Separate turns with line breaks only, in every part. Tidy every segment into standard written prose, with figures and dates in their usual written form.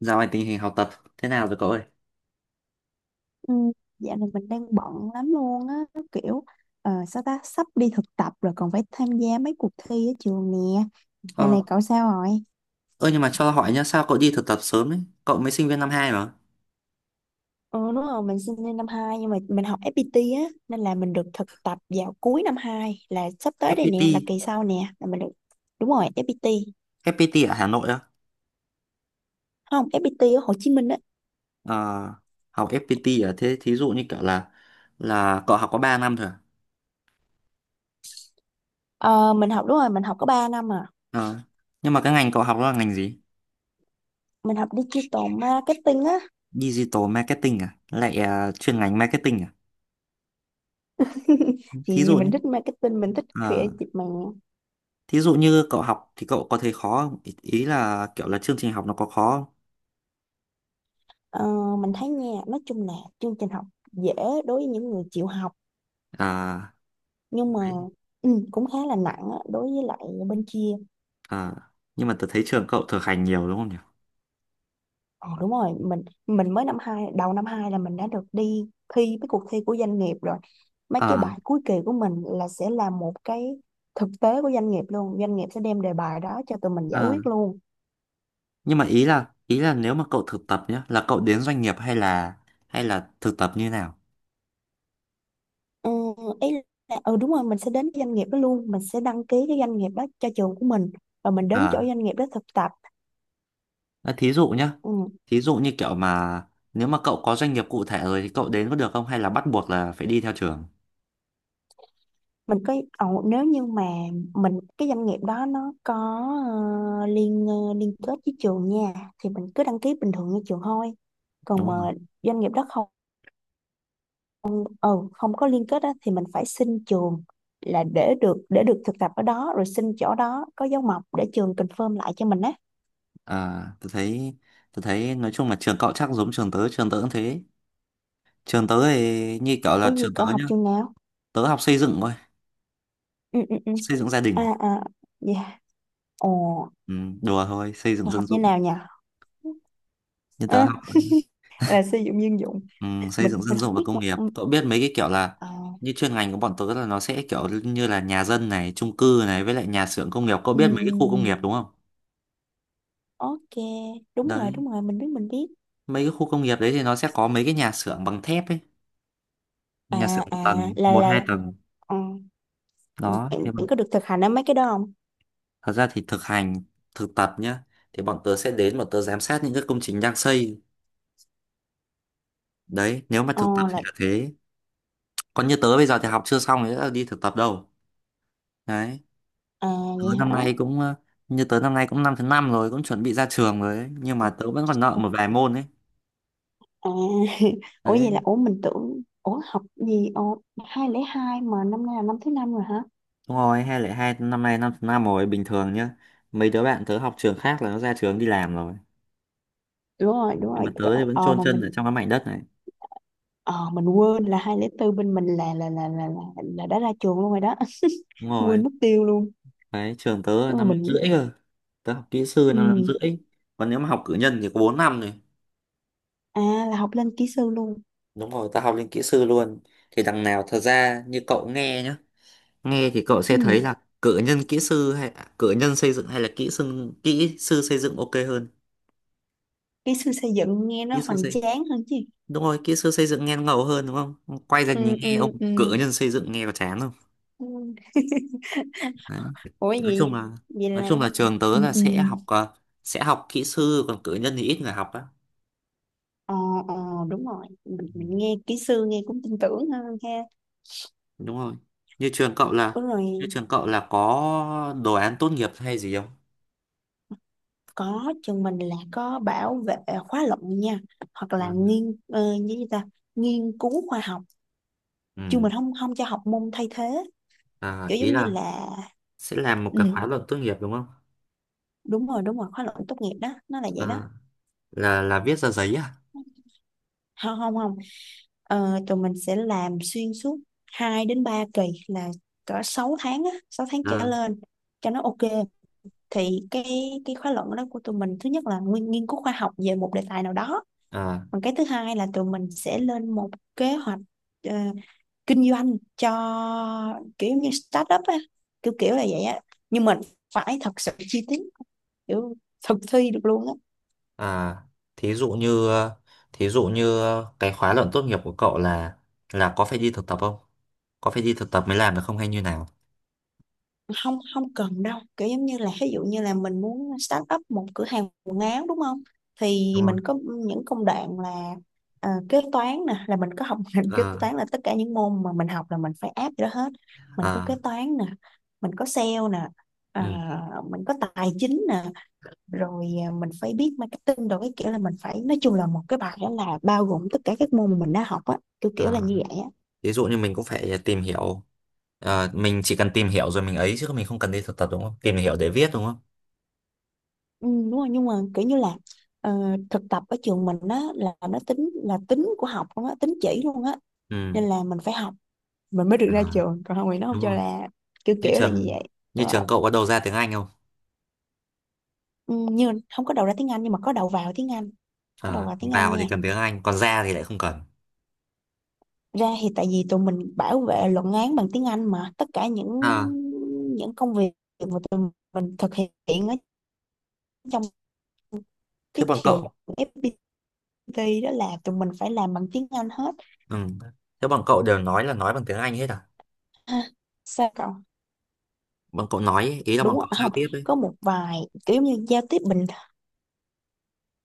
Dạo này tình hình học tập thế nào rồi cậu ơi?
Ừ, dạo này mình đang bận lắm luôn á, kiểu sao ta sắp đi thực tập rồi còn phải tham gia mấy cuộc thi ở trường nè. Dạo
Ờ,
này cậu sao rồi?
ơ nhưng mà cho hỏi nhá, sao cậu đi thực tập sớm ấy? Cậu mới sinh viên năm hai mà.
Ừ, đúng rồi, mình sinh viên năm 2 nhưng mà mình học FPT á nên là mình được thực tập vào cuối năm 2 là sắp tới đây nè,
FPT,
là kỳ sau nè là mình được. Đúng rồi, FPT.
FPT ở Hà Nội á?
Không, FPT ở Hồ Chí Minh á.
Ờ, học FPT ở thế thí dụ như kiểu là cậu học có 3 năm thôi à?
Ờ, mình học, đúng rồi, mình học có ba năm à.
Ờ, nhưng mà cái ngành cậu học đó là ngành gì?
Mình học digital marketing á.
Digital marketing à? Lại chuyên ngành marketing à? Thí
Thì
dụ
mình
nhé.
thích marketing, mình thích
Ờ,
creative mà.
thí dụ như cậu học thì cậu có thấy khó không? Ý ý là kiểu là chương trình học nó có khó không?
Ờ, mình thấy nha, nói chung là chương trình học dễ đối với những người chịu học,
À,
nhưng mà cũng khá là nặng á, đối với lại bên kia.
à, nhưng mà tớ thấy trường cậu thực hành nhiều đúng không nhỉ?
Ờ đúng rồi, mình mới năm hai, đầu năm hai là mình đã được đi thi cái cuộc thi của doanh nghiệp rồi. Mấy cái
Ờ,
bài cuối kỳ của mình là sẽ là một cái thực tế của doanh nghiệp luôn, doanh nghiệp sẽ đem đề bài đó cho tụi mình giải
ờ.
quyết luôn.
Nhưng mà ý là nếu mà cậu thực tập nhá, là cậu đến doanh nghiệp hay là thực tập như nào?
Ừ, ý là đúng rồi, mình sẽ đến cái doanh nghiệp đó luôn, mình sẽ đăng ký cái doanh nghiệp đó cho trường của mình và mình đến chỗ
À,
doanh nghiệp đó thực tập.
à, thí dụ nhá.
Ừ.
Thí dụ như kiểu mà nếu mà cậu có doanh nghiệp cụ thể rồi thì cậu đến có được không hay là bắt buộc là phải đi theo trường?
Mình có, nếu như mà mình, cái doanh nghiệp đó nó có liên kết với trường nha, thì mình cứ đăng ký bình thường như trường thôi.
Đúng
Còn mà
không?
doanh nghiệp đó không, ừ, không có liên kết á, thì mình phải xin trường là để được thực tập ở đó, rồi xin chỗ đó có dấu mộc để trường confirm lại cho mình á.
À, tôi thấy nói chung là trường cậu chắc giống trường tớ cũng thế. Trường tớ thì như kiểu
Ủa
là
gì?
trường
Cậu
tớ
học
nhá,
trường nào?
tớ học xây dựng thôi,
Ừ, ừ, ừ.
xây dựng gia
À.
đình.
À. Dạ. Ồ.
Ừ, đùa thôi, xây dựng
Cậu học
dân
như
dụng.
nào nhỉ?
Nhưng tớ
À,
học.
là sử dụng dân dụng.
Ừ, xây
mình
dựng dân
mình
dụng
không
và
biết
công
mà.
nghiệp,
Ừ.
cậu biết mấy cái kiểu là
À.
như chuyên ngành của bọn tớ là nó sẽ kiểu như là nhà dân này, chung cư này, với lại nhà xưởng công nghiệp, cậu biết mấy cái khu công
Ừ.
nghiệp đúng không?
Ok,
Đấy,
đúng rồi, mình biết, mình biết.
mấy cái khu công nghiệp đấy thì nó sẽ có mấy cái nhà xưởng bằng thép ấy, nhà
À,
xưởng
à,
một tầng, một hai
là
tầng
ờ,
đó.
bạn,
Thế mà
bạn có được thực hành ở mấy cái đó không?
thật ra thì thực tập nhá thì bọn tớ sẽ đến, bọn tớ giám sát những cái công trình đang xây. Đấy, nếu mà
Ờ,
thực tập thì
là,
là thế. Còn như tớ bây giờ thì học chưa xong thì đã đi thực tập đâu. Đấy,
à,
tớ
vậy
năm
hả?
nay cũng ờ, như tớ năm nay cũng năm thứ năm rồi, cũng chuẩn bị ra trường rồi ấy. Nhưng mà tớ vẫn còn nợ
Ủa,
một vài môn ấy.
à, ủa vậy là,
Đấy,
ủa mình tưởng, ủa học gì, ồ, 202 mà năm nay là năm thứ năm rồi hả?
đúng rồi, 2022 năm nay năm thứ năm rồi bình thường nhá. Mấy đứa bạn tớ học trường khác là nó ra trường đi làm rồi,
Đúng
nhưng mà
rồi, trời
tớ thì
ơi,
vẫn chôn
mà
chân ở
mình,
trong cái mảnh đất này.
ờ, mình quên là 204 bên mình là, là đã ra trường luôn rồi đó.
Đúng rồi.
Quên mất tiêu luôn.
Đấy, trường tớ năm
Ờ,
năm
mình,
rưỡi cơ, tớ học kỹ sư năm năm
ừ.
rưỡi, còn nếu mà học cử nhân thì có 4 năm rồi.
À, là học lên kỹ sư luôn.
Đúng rồi, tớ học lên kỹ sư luôn. Thì đằng nào thật ra như cậu nghe nhá. Nghe thì cậu
Ừ.
sẽ thấy là cử nhân xây dựng hay là kỹ sư xây dựng ok hơn.
Kỹ sư xây dựng nghe nó
Kỹ sư
hoành
xây
tráng hơn chứ.
Đúng rồi, kỹ sư xây dựng nghe nó ngầu hơn đúng không? Quay ra
Ừ,
nhìn nghe ông
ừ, ừ.
cử nhân xây dựng nghe có chán không?
Ừ.
Đấy.
Ủa
Nói chung
gì?
là
Vậy
nói
là
chung là trường tớ
ừ,
là
ừ,
sẽ học sẽ học kỹ sư, còn cử nhân thì ít người học á.
ờ, ờ, đúng rồi, mình,
Ừ,
mình nghe kỹ sư nghe cũng tin tưởng hơn ha.
đúng rồi. Như trường cậu là
Ủa
như
rồi,
trường cậu là có đồ án tốt nghiệp hay gì không?
có, trường mình là có bảo vệ khóa luận nha, hoặc là
Ừ.
nghiên ờ, như gì ta nghiên cứu khoa học.
Ừ.
Trường mình không không cho học môn thay thế,
À,
kiểu
ý
giống như
là
là
sẽ làm một
ừ
cái khóa luận tốt nghiệp đúng không?
đúng rồi, đúng rồi, khóa luận tốt nghiệp đó nó là vậy đó.
À, là viết ra giấy à?
Không, không, không. Ờ, tụi mình sẽ làm xuyên suốt 2 đến 3 kỳ, là cỡ 6 tháng á, 6 tháng trở
À.
lên cho nó ok. Thì cái khóa luận đó của tụi mình thứ nhất là nghiên cứu khoa học về một đề tài nào đó.
À,
Còn cái thứ hai là tụi mình sẽ lên một kế hoạch ờ, kinh doanh cho kiểu như startup á, kiểu kiểu là vậy á. Nhưng mình phải thật sự chi tiết, kiểu thực thi được luôn á.
à, thí dụ như ờ, thí dụ như cái khóa luận tốt nghiệp của cậu là có phải đi thực tập không? Có phải đi thực tập mới làm được không hay như nào?
Không, không cần đâu, kiểu giống như là ví dụ như là mình muốn start up một cửa hàng quần áo đúng không, thì
Đúng rồi.
mình có những công đoạn là kế toán nè, là mình có học ngành kế
Ờ,
toán là tất cả những môn mà mình học là mình phải áp vô đó hết. Mình có
ờ,
kế toán nè, mình có sale nè, à,
ừ,
mình có tài chính nè, rồi à, mình phải biết marketing rồi, cái kiểu là mình phải, nói chung là một cái bài đó là bao gồm tất cả các môn mà mình đã học á, kiểu kiểu là
ờ.
như vậy á.
Thí dụ như mình cũng phải tìm hiểu. Ờ, mình chỉ cần tìm hiểu rồi mình ấy chứ mình không cần đi thực tập đúng không? Tìm hiểu để viết đúng không?
Ừ, đúng rồi, nhưng mà kiểu như là ờ, thực tập ở trường mình á là nó tính là tính của học luôn á, tính chỉ luôn á,
Ừ.
nên là mình phải học mình mới được
À,
ra trường, còn không thì nó không
đúng
cho,
rồi.
là kiểu
Như
kiểu là như
trường
vậy.
như
Đúng rồi,
trường cậu có đầu ra tiếng Anh không?
ừ, như không có đầu ra tiếng Anh nhưng mà có đầu vào tiếng Anh. Có đầu
Ờ,
vào tiếng Anh
vào
nha,
thì cần tiếng Anh, còn ra thì lại không cần.
ra thì tại vì tụi mình bảo vệ luận án bằng tiếng Anh, mà tất cả những
À,
công việc mà tụi mình thực hiện ở trong cái
thế bọn
trường
cậu,
FPT đó là tụi mình phải làm bằng tiếng Anh hết.
ừ. Thế bọn cậu đều nói là nói bằng tiếng Anh hết à?
Ha? Sao cậu?
Bọn cậu nói ấy, ý là bọn
Đúng rồi.
cậu giao
Không,
tiếp ấy.
có một vài kiểu như giao tiếp bình,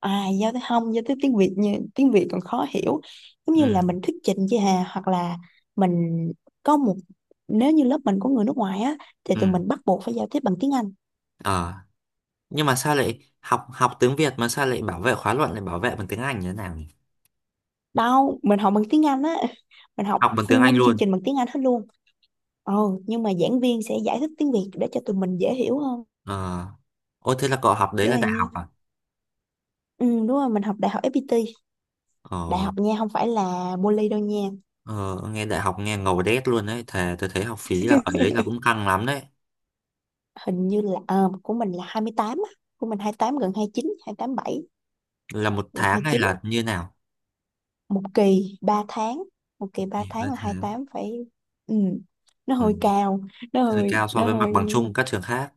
à giao tiếp, không giao tiếp tiếng Việt, như tiếng Việt còn khó hiểu, giống
Ừ,
như là mình thuyết trình với Hà, hoặc là mình có một, nếu như lớp mình có người nước ngoài á thì
ừ,
tụi mình bắt buộc phải giao tiếp bằng tiếng Anh.
ờ, nhưng mà sao lại học học tiếng Việt mà sao lại bảo vệ khóa luận lại bảo vệ bằng tiếng Anh như thế nào nhỉ?
Đâu, mình học bằng tiếng Anh á. Mình học
Học bằng tiếng Anh
full chương
luôn?
trình bằng tiếng Anh hết luôn. Ừ. Nhưng mà giảng viên sẽ giải thích tiếng Việt để cho tụi mình dễ hiểu hơn,
Ờ, ôi thế là cậu học đấy
kiểu
là
là
đại
như
học à?
ừ đúng rồi, mình học đại học FPT. Đại
Ờ,
học nha, không phải là poly đâu nha.
ờ nghe đại học nghe ngầu đét luôn đấy, thề tôi thấy học phí là ở đấy là cũng căng lắm đấy.
Hình như là của mình là 28 á. Của mình 28 gần 29, tám bảy,
Là một
gần hai
tháng
mươi
hay
chín.
là như nào?
Một kỳ 3 tháng. Một
Ừ,
kỳ 3
ba
tháng là
tháng
28. Phải. Ừ. Nó
Ừ,
hơi cao,
hơi cao so
nó
với mặt
hơi.
bằng chung các trường khác.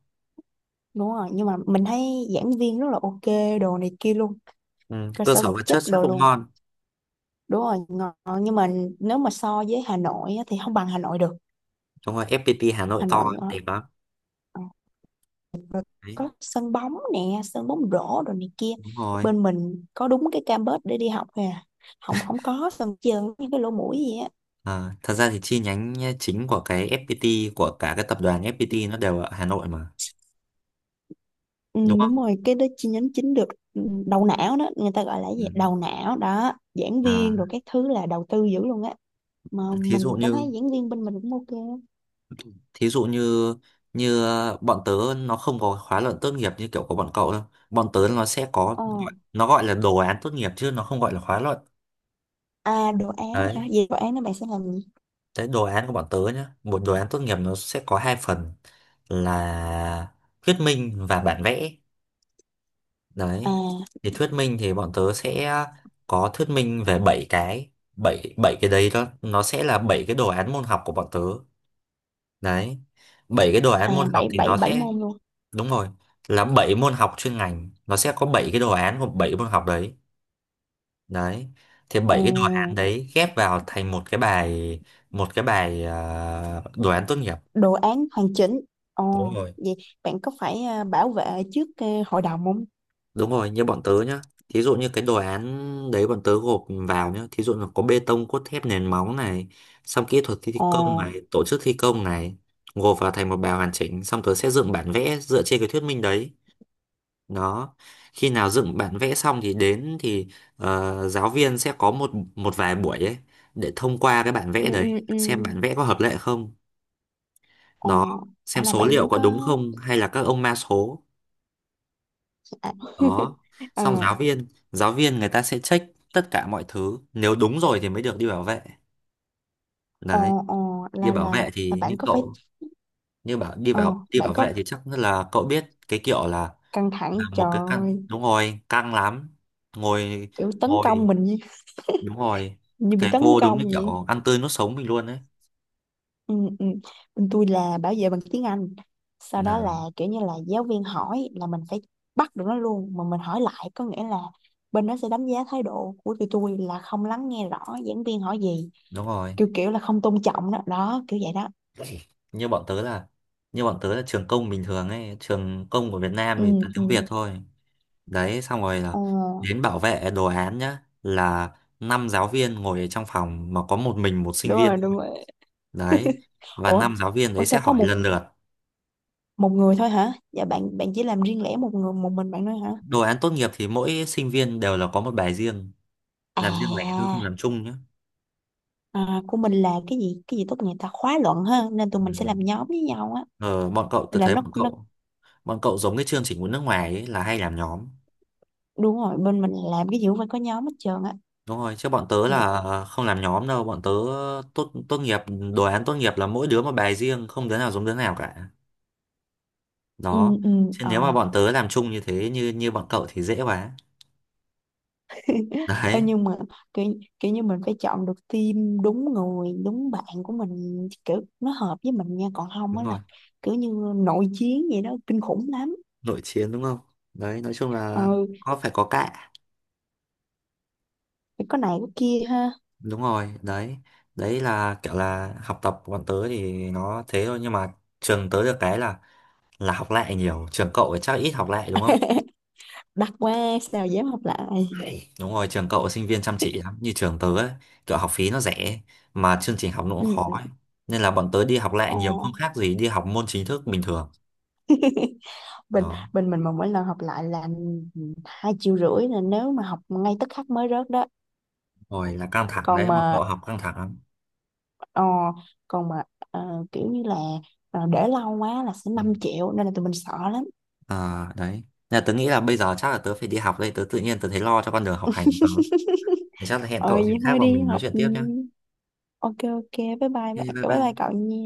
Đúng rồi, nhưng mà mình thấy giảng viên rất là ok, đồ này kia luôn.
Ừ,
Cơ
cơ
sở
sở
vật
vật
chất
chất chắc
đồ
cũng
luôn.
ngon.
Đúng rồi, ngon, nhưng mà nếu mà so với Hà Nội á, thì không bằng Hà Nội được.
Đúng rồi, FPT Hà Nội
Hà
to
Nội,
đẹp lắm.
ờ,
Đấy.
có sân bóng nè, sân bóng rổ rồi này kia.
Đúng rồi.
Bên mình có đúng cái campus để đi học nè. Không, không có sân trường như cái lỗ mũi gì á.
À, thật ra thì chi nhánh chính của cái FPT, của cả cái tập đoàn FPT, nó đều ở Hà Nội mà
Ừ,
đúng không?
đúng rồi, cái đó chi nhánh chính được. Ừ, đầu não đó, người ta gọi là cái
Ừ.
gì, đầu não đó giảng
À,
viên rồi các thứ là đầu tư dữ luôn á. Mà
thí dụ
mình cảm
như
thấy giảng viên bên mình cũng ok á.
thí dụ như như bọn tớ, nó không có khóa luận tốt nghiệp như kiểu của bọn cậu đâu. Bọn tớ nó sẽ có,
Ờ.
nó gọi là đồ án tốt nghiệp chứ nó không gọi là khóa luận.
À, đồ án hả?
Đấy,
Về đồ án đó bạn sẽ làm gì?
cái đồ án của bọn tớ nhá, một đồ án tốt nghiệp nó sẽ có hai phần là thuyết minh và bản vẽ.
À,
Đấy. Thì thuyết minh thì bọn tớ sẽ có thuyết minh về 7 cái, 7 7 cái đấy đó, nó sẽ là 7 cái đồ án môn học của bọn tớ. Đấy. Bảy cái đồ
à
án môn học
bảy,
thì
bảy,
nó
bảy
sẽ
môn luôn?
đúng rồi, là 7 môn học chuyên ngành, nó sẽ có 7 cái đồ án của 7 môn học đấy. Đấy. Thì
Ờ.
bảy cái đồ án đấy ghép vào thành một cái bài, à, đồ án tốt nghiệp.
Đồ án hoàn chỉnh.
Đúng
Ồ,
rồi.
vậy bạn có phải bảo vệ trước hội đồng không?
Đúng rồi, như bọn tớ nhá. Thí dụ như cái đồ án đấy bọn tớ gộp vào nhá. Thí dụ là có bê tông, cốt thép, nền móng này, xong kỹ thuật thi
Ồ.
công này, tổ chức thi công này, gộp vào thành một bài hoàn chỉnh, xong tớ sẽ dựng bản vẽ dựa trên cái thuyết minh đấy. Đó. Khi nào dựng bản vẽ xong thì đến thì giáo viên sẽ có một một vài buổi ấy để thông qua cái bản
Ừ,
vẽ đấy,
ừ, ừ.
xem bản vẽ có hợp lệ không. Đó,
Ồ.
xem
À, là
số
bạn
liệu
vẫn
có đúng
có.
không hay là các ông ma số.
À.
Đó, xong
Ờ.
giáo viên người ta sẽ check tất cả mọi thứ, nếu đúng rồi thì mới được đi bảo vệ. Đấy,
Ồ, ồ,
đi bảo vệ
là
thì như
bạn có phải,
cậu, như bảo đi
ờ
bảo đi
bạn
bảo
có,
vệ thì chắc là cậu biết cái kiểu
căng thẳng
là
trời
một cái căng.
ơi,
Đúng rồi, căng lắm. Ngồi,
kiểu tấn công
ngồi,
mình như,
đúng rồi,
như bị
thầy
tấn
cô đúng
công
như
vậy.
kiểu ăn tươi nuốt sống mình luôn đấy.
Ừ, ừ. Bên tôi là bảo vệ bằng tiếng Anh, sau
Là
đó là kiểu như là giáo viên hỏi là mình phải bắt được nó luôn, mà mình hỏi lại, có nghĩa là bên đó sẽ đánh giá thái độ của tụi tôi là không lắng nghe rõ giảng viên hỏi gì,
đúng rồi,
kiểu kiểu là không tôn trọng đó đó, kiểu vậy đó.
như bọn tớ là như bọn tớ là trường công bình thường ấy, trường công của Việt Nam thì
Ừ,
toàn
ừ.
tiếng Việt thôi. Đấy, xong rồi là
Ờ,
đến bảo vệ đồ án nhá, là năm giáo viên ngồi ở trong phòng mà có một mình một sinh
đúng
viên.
rồi, đúng rồi.
Đấy, và
Ủa,
năm giáo viên
ủa
đấy sẽ
sao có
hỏi
một
lần lượt.
một người thôi hả? Dạ bạn bạn chỉ làm riêng lẻ một người, một mình bạn thôi hả?
Đồ án tốt nghiệp thì mỗi sinh viên đều là có một bài riêng, làm riêng lẻ thôi,
À,
không làm chung nhé.
à của mình là cái gì, tốt nghiệp ta, khóa luận ha, nên tụi
Ừ.
mình sẽ làm nhóm với nhau á.
Ờ,
Là nó
bọn
nó
cậu, bọn cậu giống cái chương trình của nước ngoài ấy, là hay làm nhóm.
đúng rồi, bên mình làm cái gì cũng phải có nhóm hết trơn á.
Đúng rồi. Chứ bọn tớ là không làm nhóm đâu. Bọn tớ tốt tốt nghiệp, đồ án tốt nghiệp là mỗi đứa một bài riêng, không đứa nào giống đứa nào cả.
Ừ,
Đó.
ừ,
Chứ
ờ.
nếu mà bọn tớ làm chung như thế như như bọn cậu thì dễ quá.
Ê,
Đấy.
nhưng mà kiểu, kiểu như mình phải chọn được team đúng người đúng bạn của mình, kiểu nó hợp với mình nha, còn không
Đúng
á là
rồi,
kiểu như nội chiến vậy đó, kinh khủng lắm.
nội chiến đúng không? Đấy, nói chung là
Ừ,
có phải có cạ,
phải có này có kia ha.
đúng rồi. Đấy, đấy là kiểu là học tập của bọn tớ thì nó thế thôi, nhưng mà trường tớ được cái là học lại nhiều. Trường cậu thì chắc ít học lại đúng không?
Đặt qua sao dám hợp lại.
Đấy, đúng rồi, trường cậu sinh viên chăm chỉ lắm, như trường tớ ấy, kiểu học phí nó rẻ mà chương trình học nó cũng
Ừ,
khó
ừ.
ấy. Nên là bọn tớ đi học lại
Ờ.
nhiều, không khác gì đi học môn chính thức bình thường.
bên
Đó.
Bên mình mà mỗi lần học lại là hai triệu rưỡi, là nếu mà học ngay tức khắc mới rớt đó.
Rồi là căng thẳng
Còn
đấy, mà cậu
mà
học căng thẳng lắm.
Ờ, còn mà kiểu như là để lâu quá là sẽ
Ừ.
năm triệu, nên là tụi mình sợ lắm.
À, đấy. Nên là tớ nghĩ là bây giờ chắc là tớ phải đi học đây, tớ tự nhiên tớ thấy lo cho con đường học hành của tớ. Thì chắc là hẹn
Ờ,
cậu dịp
vậy
khác
thôi
và
đi
mình nói
học.
chuyện
Ừ,
tiếp nhá.
ok ok, bye bye
Ok, bye
bye bye
bye.
cậu nha.